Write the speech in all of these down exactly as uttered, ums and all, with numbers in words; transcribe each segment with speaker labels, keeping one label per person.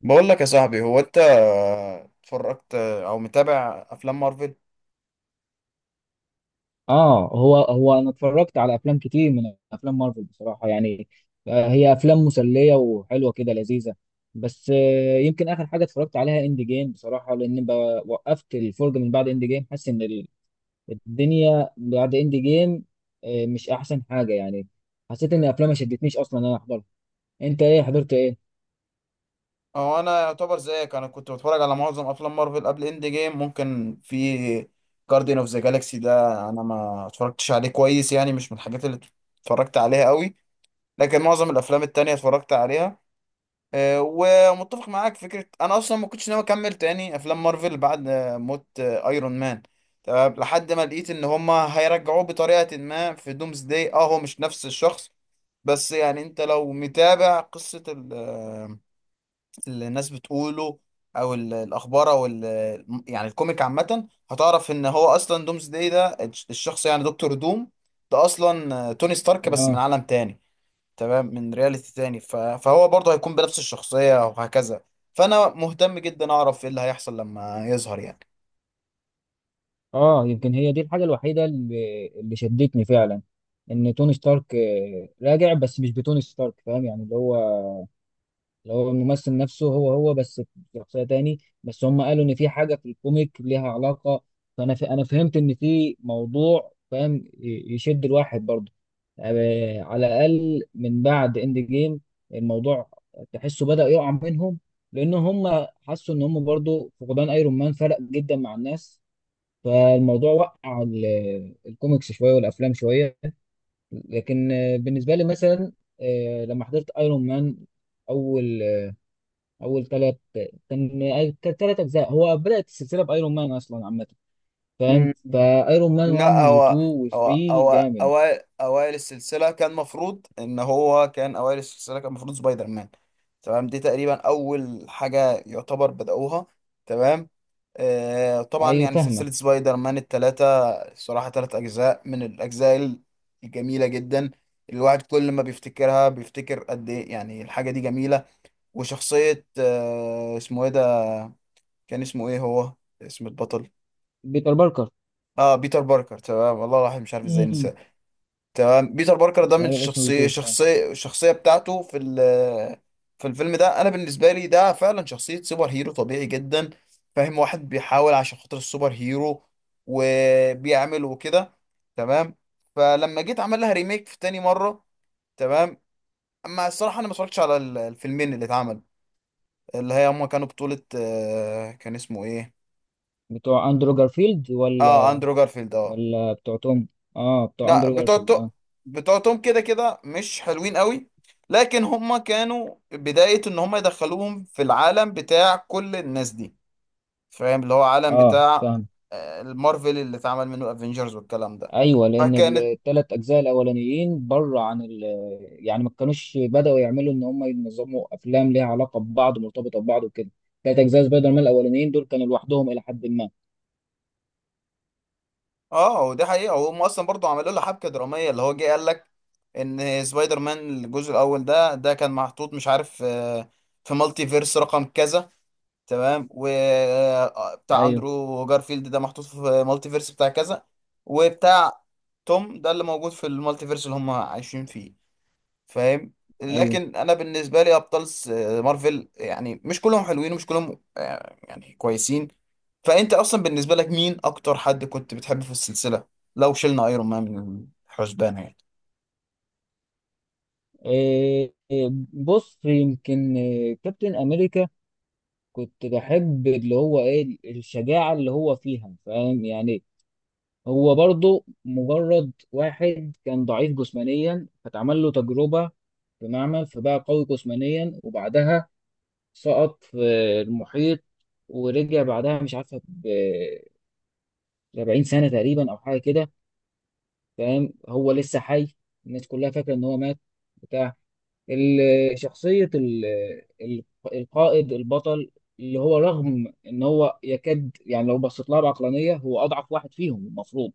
Speaker 1: بقول لك يا صاحبي، هو انت اتفرجت او متابع افلام مارفل؟
Speaker 2: اه هو هو انا اتفرجت على افلام كتير من افلام مارفل بصراحه يعني. آه، هي افلام مسليه وحلوه كده لذيذه. بس آه، يمكن اخر حاجه اتفرجت عليها اند جيم بصراحه، لان بقى- وقفت الفرجه من بعد اند جيم، حاسس ان ال- الدنيا بعد اند جيم آه، مش احسن حاجه يعني. حسيت ان الافلام ما شدتنيش اصلا ان انا احضرها. انت ايه حضرت ايه؟
Speaker 1: اه، انا يعتبر زيك انا كنت بتفرج على معظم افلام مارفل قبل اند جيم. ممكن في جاردين اوف ذا جالاكسي ده انا ما اتفرجتش عليه كويس، يعني مش من الحاجات اللي اتفرجت عليها قوي. لكن معظم الافلام التانية اتفرجت عليها. آه، ومتفق معاك في فكرة أنا أصلا ما كنتش ناوي أكمل تاني أفلام مارفل بعد آه، موت آه، أيرون مان. تمام، لحد ما لقيت إن هما هيرجعوه بطريقة ما في دومز داي. أه هو مش نفس الشخص، بس يعني أنت لو متابع قصة ال- آه، اللي الناس بتقوله أو ال- الأخبار أو ال- يعني الكوميك عامة، هتعرف إن هو أصلا دومز داي ده الش- الشخص يعني دكتور دوم. ده أصلا آه، توني ستارك بس من
Speaker 2: اه.
Speaker 1: عالم تاني. تمام، من رياليتي تاني ف... فهو برضه هيكون بنفس الشخصية وهكذا. فأنا مهتم جدا أعرف إيه اللي هيحصل لما يظهر يعني.
Speaker 2: اه، يمكن هي دي الحاجه الوحيده اللي اللي شدتني فعلا، ان توني ستارك آه، راجع، بس مش بتوني ستارك، فاهم يعني، اللي هو اللي هو الممثل نفسه، هو هو بس في شخصية تاني. بس هم قالوا ان في حاجة في الكوميك ليها علاقة، فانا ف... انا فهمت ان في موضوع فاهم، ي- يشد الواحد برضه آه، على الاقل من بعد اند جيم. الموضوع تحسه بدأ يقع منهم، لان هم حسوا ان هم برضه فقدان ايرون مان فرق جدا مع الناس. فالموضوع وقع، ال- الكوميكس شوية والافلام شوية. لكن آه، بالنسبة لي مثلا، آه، لما حضرت ايرون مان، اول اول ثلاث كان ثلاث اجزاء، هو بدات السلسله بايرون مان اصلا عامه، فاهم،
Speaker 1: مم.
Speaker 2: فايرون مان واحد
Speaker 1: لا، هو
Speaker 2: واتنين
Speaker 1: هو
Speaker 2: وتلاته
Speaker 1: هو
Speaker 2: جامد.
Speaker 1: أوائل أوائل السلسلة كان مفروض إن هو كان أوائل السلسلة كان مفروض سبايدر مان. تمام، دي تقريبا أول حاجة يعتبر بدأوها. تمام. آه طبعا،
Speaker 2: ايوه
Speaker 1: يعني
Speaker 2: فاهمك.
Speaker 1: سلسلة سبايدر مان التلاتة صراحة، تلات أجزاء من الأجزاء الجميلة جدا. الواحد كل ما بيفتكرها بيفتكر قد إيه يعني الحاجة دي جميلة. وشخصية آه، اسمه إيه ده؟ كان اسمه إيه هو؟ اسم البطل؟
Speaker 2: بيتر باركر.
Speaker 1: آه، بيتر باركر. تمام، والله الواحد مش عارف إزاي
Speaker 2: امم.
Speaker 1: نسى. تمام، بيتر باركر ده من
Speaker 2: ايوه، اسمه
Speaker 1: الشخصية
Speaker 2: اتنين. اه،
Speaker 1: شخصية الشخصية بتاعته في ال، في الفيلم ده، أنا بالنسبة لي ده فعلا شخصية سوبر هيرو طبيعي جدا. فاهم؟ واحد بيحاول عشان خاطر السوبر هيرو وبيعمل وكده. تمام. فلما جيت عمل لها ريميك في تاني مرة، تمام، أما الصراحة أنا ما اتفرجتش على ال- الفيلمين اللي اتعمل، اللي هي هما كانوا بطولة آه، كان اسمه إيه؟
Speaker 2: بتوع اندرو جارفيلد
Speaker 1: آه،
Speaker 2: ولا
Speaker 1: أندرو جارفيلد، آه.
Speaker 2: ولا بتوع توم. اه بتوع
Speaker 1: لا،
Speaker 2: اندرو
Speaker 1: بتوع
Speaker 2: جارفيلد
Speaker 1: تو-
Speaker 2: اه.
Speaker 1: بتوع توم كده كده مش حلوين قوي، لكن هما كانوا بداية ان هما يدخلوهم في العالم بتاع كل الناس دي. فاهم؟ اللي هو عالم
Speaker 2: اه
Speaker 1: بتاع
Speaker 2: فاهم.
Speaker 1: آه، المارفل اللي اتعمل منه الافينجرز والكلام ده.
Speaker 2: ايوه، لان
Speaker 1: فكانت،
Speaker 2: الثلاث اجزاء الاولانيين بره عن ال يعني ما كانوش بداوا يعملوا ان هم ينظموا افلام ليها علاقه ببعض مرتبطه ببعض وكده. ثلاث اجزاء سبايدر مان الاولانيين دول كانوا لوحدهم الى حد ما.
Speaker 1: اه، ودي حقيقة هم اصلا برضو عملوا له حبكة درامية اللي هو جه قال لك ان سبايدر مان الجزء الاول ده ده كان محطوط، مش عارف آه، في مالتي فيرس رقم كذا. تمام، وبتاع
Speaker 2: ايوه.
Speaker 1: اندرو جارفيلد ده محطوط في مالتيفيرس بتاع كذا، وبتاع توم ده اللي موجود في المالتيفيرس اللي هم عايشين فيه. فاهم؟
Speaker 2: ايوه.
Speaker 1: لكن انا بالنسبه لي ابطال س- مارفل يعني مش كلهم حلوين ومش كلهم آه، يعني كويسين. فانت اصلا بالنسبه لك مين اكتر حد كنت بتحبه في السلسله لو شلنا ايرون مان من الحسبان يعني؟
Speaker 2: إيه إيه، بص يمكن إيه، كابتن امريكا. كنت بحب اللي هو ايه الشجاعه اللي هو فيها، فاهم يعني. هو برضه مجرد واحد كان ضعيف جسمانيا، فتعمل له تجربه في معمل فبقى قوي جسمانيا، وبعدها سقط في المحيط ورجع بعدها مش عارفه ب سبعين سنه تقريبا او حاجه كده، فاهم. هو لسه حي، الناس كلها فاكره ان هو مات. بتاع. ال- شخصية ال- ال- القائد البطل، اللي هو رغم ان هو يكاد يعني، لو بصيت لها بعقلانية، هو اضعف واحد فيهم المفروض.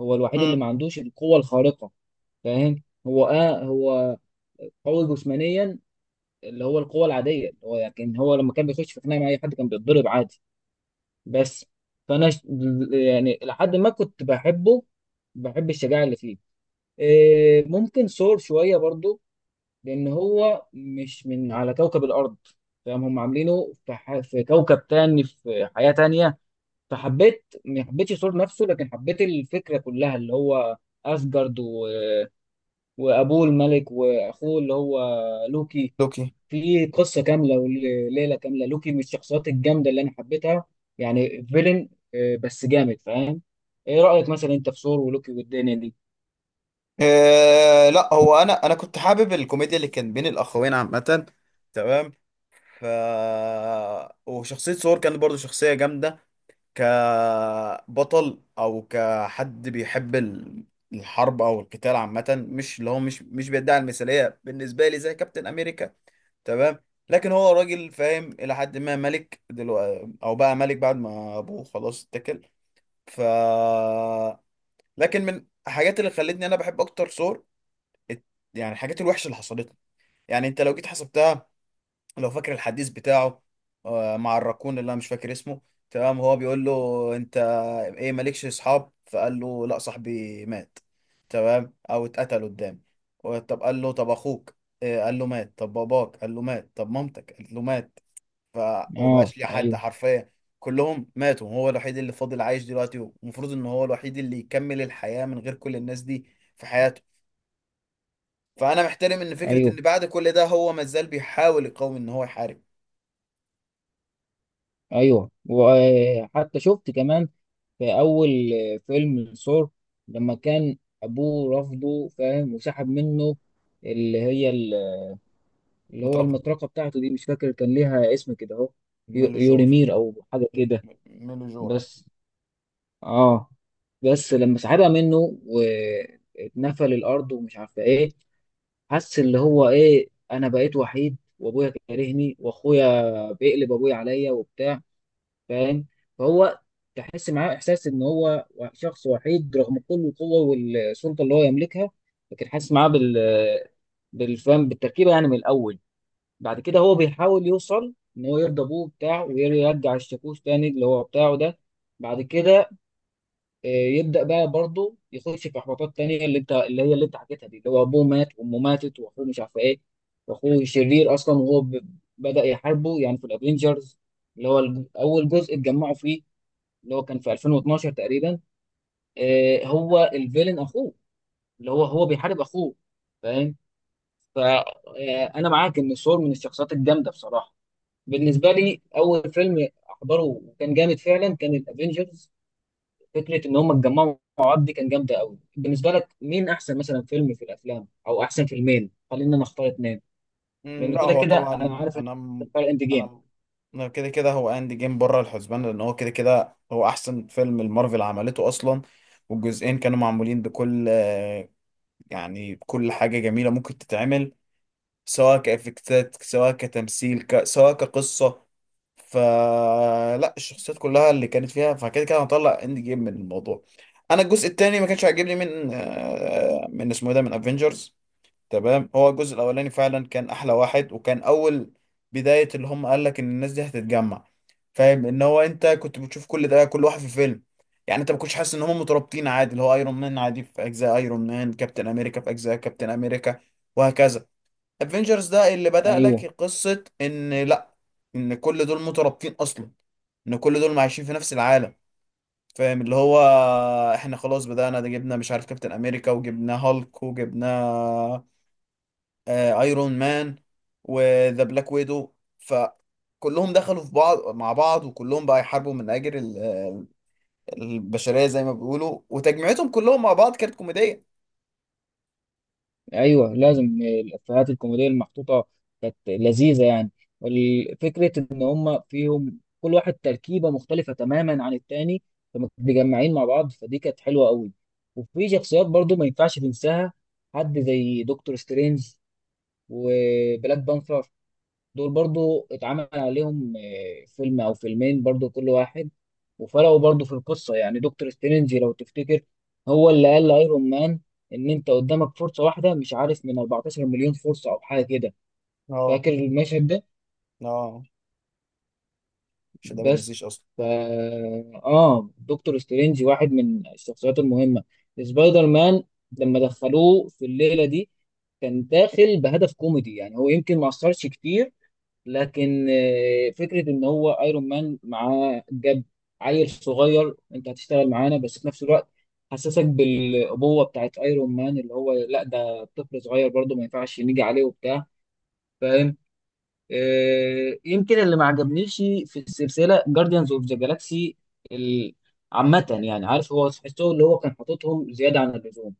Speaker 2: هو الوحيد اللي
Speaker 1: امم،
Speaker 2: ما عندوش القوة الخارقة، فاهم. هو اه هو قوي جسمانيا اللي هو القوة العادية، اللي هو لكن هو لما كان بيخش في خناقة مع اي حد كان بيتضرب عادي بس. فانا ش- يعني لحد ما كنت بحبه، بحب الشجاعة اللي فيه. إيه، ممكن سور شوية برضو، لان هو مش من على كوكب الارض، فاهم. هم عاملينه في, ح... في كوكب تاني في حياة تانية، فحبيت ما حبيتش الصوت نفسه لكن حبيت الفكرة كلها، اللي هو اسجارد و... وابوه الملك واخوه اللي هو لوكي.
Speaker 1: لوكي.
Speaker 2: في قصة كاملة وليلة كاملة. لوكي من الشخصيات الجامدة اللي انا حبيتها، يعني فيلن آه، بس جامد، فاهم. ايه رأيك مثلا انت في ثور ولوكي والدنيا دي؟
Speaker 1: آه، لا، هو انا انا كنت حابب الكوميديا اللي كان بين الاخوين عامه. تمام. ف، وشخصية ثور كانت برضو شخصية جامدة، كبطل أو كحد بيحب ال- الحرب أو القتال عامة، مش اللي هو مش مش بيدعي المثالية بالنسبة لي زي كابتن أمريكا. تمام. لكن هو راجل فاهم، إلى حد ما ملك دلوقتي أو بقى ملك بعد ما أبوه خلاص اتكل. ف، لكن من الحاجات اللي خلتني أنا بحب أكتر ثور الت- يعني الحاجات الوحشة اللي حصلت له. يعني أنت لو جيت حسبتها، لو فاكر الحديث بتاعه آه، مع الراكون اللي انا مش فاكر اسمه. تمام، هو بيقول له: انت ايه مالكش اصحاب؟ فقال له: لا، صاحبي مات، تمام، او اتقتل قدامي. و- طب قال له: طب اخوك؟ إيه، قال له: مات. طب باباك؟ قال له: مات. طب مامتك؟ قالت له: مات.
Speaker 2: اه
Speaker 1: فمبقاش ليه حد
Speaker 2: ايوه.
Speaker 1: حرفيا، كلهم ماتوا. هو الوحيد اللي فاضل عايش دلوقتي، ومفروض ان هو الوحيد اللي يكمل الحياة من غير كل الناس دي في حياته. فانا محترم ان فكرة ان
Speaker 2: ايوه
Speaker 1: بعد كل ده هو مازال بيحاول يقاوم ان هو يحارب.
Speaker 2: ايوه، وحتى شفت كمان في أول فيلم الثور، لما كان أبوه رفضه فاهم، وسحب منه اللي هي ال- اللي هو
Speaker 1: مترقب،
Speaker 2: المطرقة بتاعته دي، مش فاكر كان ليها اسم كده أهو، يو-
Speaker 1: ميليجور،
Speaker 2: يوريمير أو حاجة كده.
Speaker 1: ميليجورا.
Speaker 2: بس آه بس لما سحبها منه واتنفل الأرض ومش عارفة إيه، حس اللي هو إيه، أنا بقيت وحيد وأبويا كارهني وأخويا بيقلب أبويا عليا وبتاع، فاهم. فهو تحس معاه احساس ان هو شخص وحيد رغم كل القوه والسلطه اللي هو يملكها، لكن حاسس معاه بال بالفهم بالتركيبه يعني من الاول. بعد كده هو بيحاول يوصل ان هو يرضى ابوه بتاعه ويرجع الشاكوش تاني اللي هو بتاعه ده. بعد كده آه، يبدا بقى برضه يخش في احباطات تانيه، اللي انت اللي هي اللي انت حكيتها دي، اللي هو ابوه مات وامه ماتت واخوه مش عارف ايه. واخوه شرير اصلا، وهو ب- بدا يحاربه يعني في الافينجرز، اللي هو الج- اول جزء اتجمعوا فيه، اللي هو كان في الفين واثناشر تقريبا. آه، هو الفيلن اخوه، اللي هو هو بيحارب اخوه، فاهم. فانا معاك ان سور من الشخصيات الجامده بصراحه. بالنسبه لي اول فيلم احضره وكان جامد فعلا كان الافينجرز، فكره ان هم اتجمعوا مع بعض دي كان جامده قوي. بالنسبه لك مين احسن مثلا فيلم في الافلام، او احسن فيلمين، خلينا نختار اتنين،
Speaker 1: مم،
Speaker 2: لان
Speaker 1: لا
Speaker 2: كده
Speaker 1: هو
Speaker 2: كده
Speaker 1: طبعا،
Speaker 2: انا عارف إن
Speaker 1: انا
Speaker 2: إنت
Speaker 1: م-
Speaker 2: بتختار اند
Speaker 1: انا
Speaker 2: جيم.
Speaker 1: م- انا كده كده هو اند جيم بره الحسبان، لان هو كده كده هو احسن فيلم المارفل عملته اصلا. والجزئين كانوا معمولين بكل آه، يعني بكل حاجة جميلة ممكن تتعمل، سواء كإفكتات، سواء كتمثيل، ك... سواء كقصة، فلا الشخصيات كلها اللي كانت فيها. فكده كده هنطلع اند جيم من الموضوع. انا الجزء التاني ما كانش عاجبني من آه، من اسمه إيه ده، من افنجرز. تمام، هو الجزء الاولاني فعلا كان احلى واحد، وكان اول بداية اللي هم قال لك ان الناس دي هتتجمع. فاهم؟ ان هو انت كنت بتشوف كل ده كل واحد في فيلم. يعني انت ما كنتش حاسس ان هم مترابطين، عادي اللي هو ايرون مان عادي في اجزاء ايرون مان، كابتن امريكا في اجزاء كابتن امريكا، وهكذا. افنجرز ده اللي بدأ لك
Speaker 2: ايوه.
Speaker 1: قصة ان لا، ان كل دول مترابطين اصلا، ان كل دول عايشين في نفس العالم. فاهم؟ اللي هو احنا خلاص بدأنا ده، جبنا مش عارف كابتن امريكا، وجبنا هالك، وجبنا آه، ايرون مان، وذا بلاك ويدو. فكلهم دخلوا في بعض مع بعض، وكلهم بقى يحاربوا من اجل ال- ال- البشريه زي ما بيقولوا. وتجمعتهم كلهم مع بعض كانت كوميديه.
Speaker 2: ايوه، لازم الافيهات الكوميديه المحطوطه كانت لذيذه يعني، والفكره ان هم فيهم كل واحد تركيبه مختلفه تماما عن التاني، فما متجمعين مع بعض فدي كانت حلوه قوي. وفي شخصيات برضو ما ينفعش تنساها، حد زي دكتور سترينج وبلاك بانثر، دول برضو اتعمل عليهم آه، فيلم او فيلمين برضو كل واحد. وفرقوا برضو في القصة، يعني دكتور سترينج لو تفتكر هو اللي قال لايرون مان ان انت قدامك فرصة واحدة مش عارف من اربعة عشر مليون فرصة او حاجة كده،
Speaker 1: اه.
Speaker 2: فاكر المشهد ده.
Speaker 1: اه، عشان ده ما
Speaker 2: بس
Speaker 1: تنسيش اصلا.
Speaker 2: فا اه دكتور سترينج واحد من الشخصيات المهمة. سبايدر مان لما دخلوه في الليلة دي كان داخل بهدف كوميدي يعني، هو يمكن ما اثرش كتير، لكن آه، فكره ان هو ايرون مان معاه جاب عيل صغير انت هتشتغل معانا، بس في نفس الوقت حسسك بالابوه بتاعت ايرون مان اللي هو لا ده طفل صغير برضه ما ينفعش نيجي عليه وبتاع، فاهم. آه، يمكن اللي ما عجبنيش في السلسله جارديانز اوف ذا جالاكسي عامه، يعني عارف هو تحسه اللي هو كان حاططهم زياده عن اللزوم.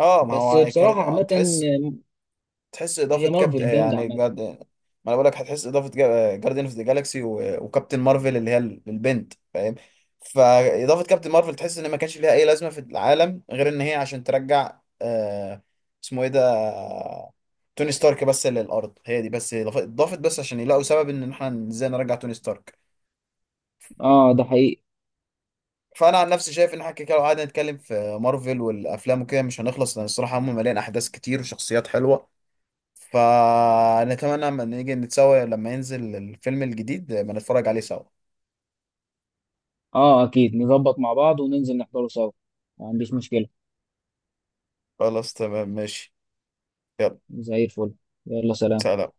Speaker 1: اه، ما
Speaker 2: بس
Speaker 1: هو
Speaker 2: بصراحه
Speaker 1: كانت
Speaker 2: عامه
Speaker 1: تحس.
Speaker 2: آه،
Speaker 1: تحس اضافه
Speaker 2: هي
Speaker 1: كابتن،
Speaker 2: مارفل جامده
Speaker 1: يعني
Speaker 2: عامه.
Speaker 1: جارد ما، انا بقول لك هتحس اضافه جا- جارديان اوف ذا جالاكسي و- وكابتن مارفل اللي هي ال- البنت. فاهم؟ فاضافه كابتن مارفل تحس ان ما كانش ليها اي لازمه في العالم غير ان هي عشان ترجع آه، اسمه ايه ده، آه، توني ستارك بس للارض. هي دي بس إضاف- اضافت بس عشان يلاقوا سبب ان احنا ازاي نرجع توني ستارك.
Speaker 2: اه ده حقيقي.
Speaker 1: فانا عن نفسي شايف ان احنا كده لو قعدنا نتكلم في مارفل والافلام وكده مش هنخلص، لان الصراحه هم مليان احداث كتير وشخصيات حلوه. فنتمنى لما نيجي نتسوى لما ينزل الفيلم الجديد ما نتفرج عليه سوا.
Speaker 2: اه اكيد نظبط مع بعض وننزل نحضره سوا، ما عنديش مشكلة.
Speaker 1: خلاص، تمام، ماشي، يلا،
Speaker 2: زي الفل. يلا سلام.
Speaker 1: سلام.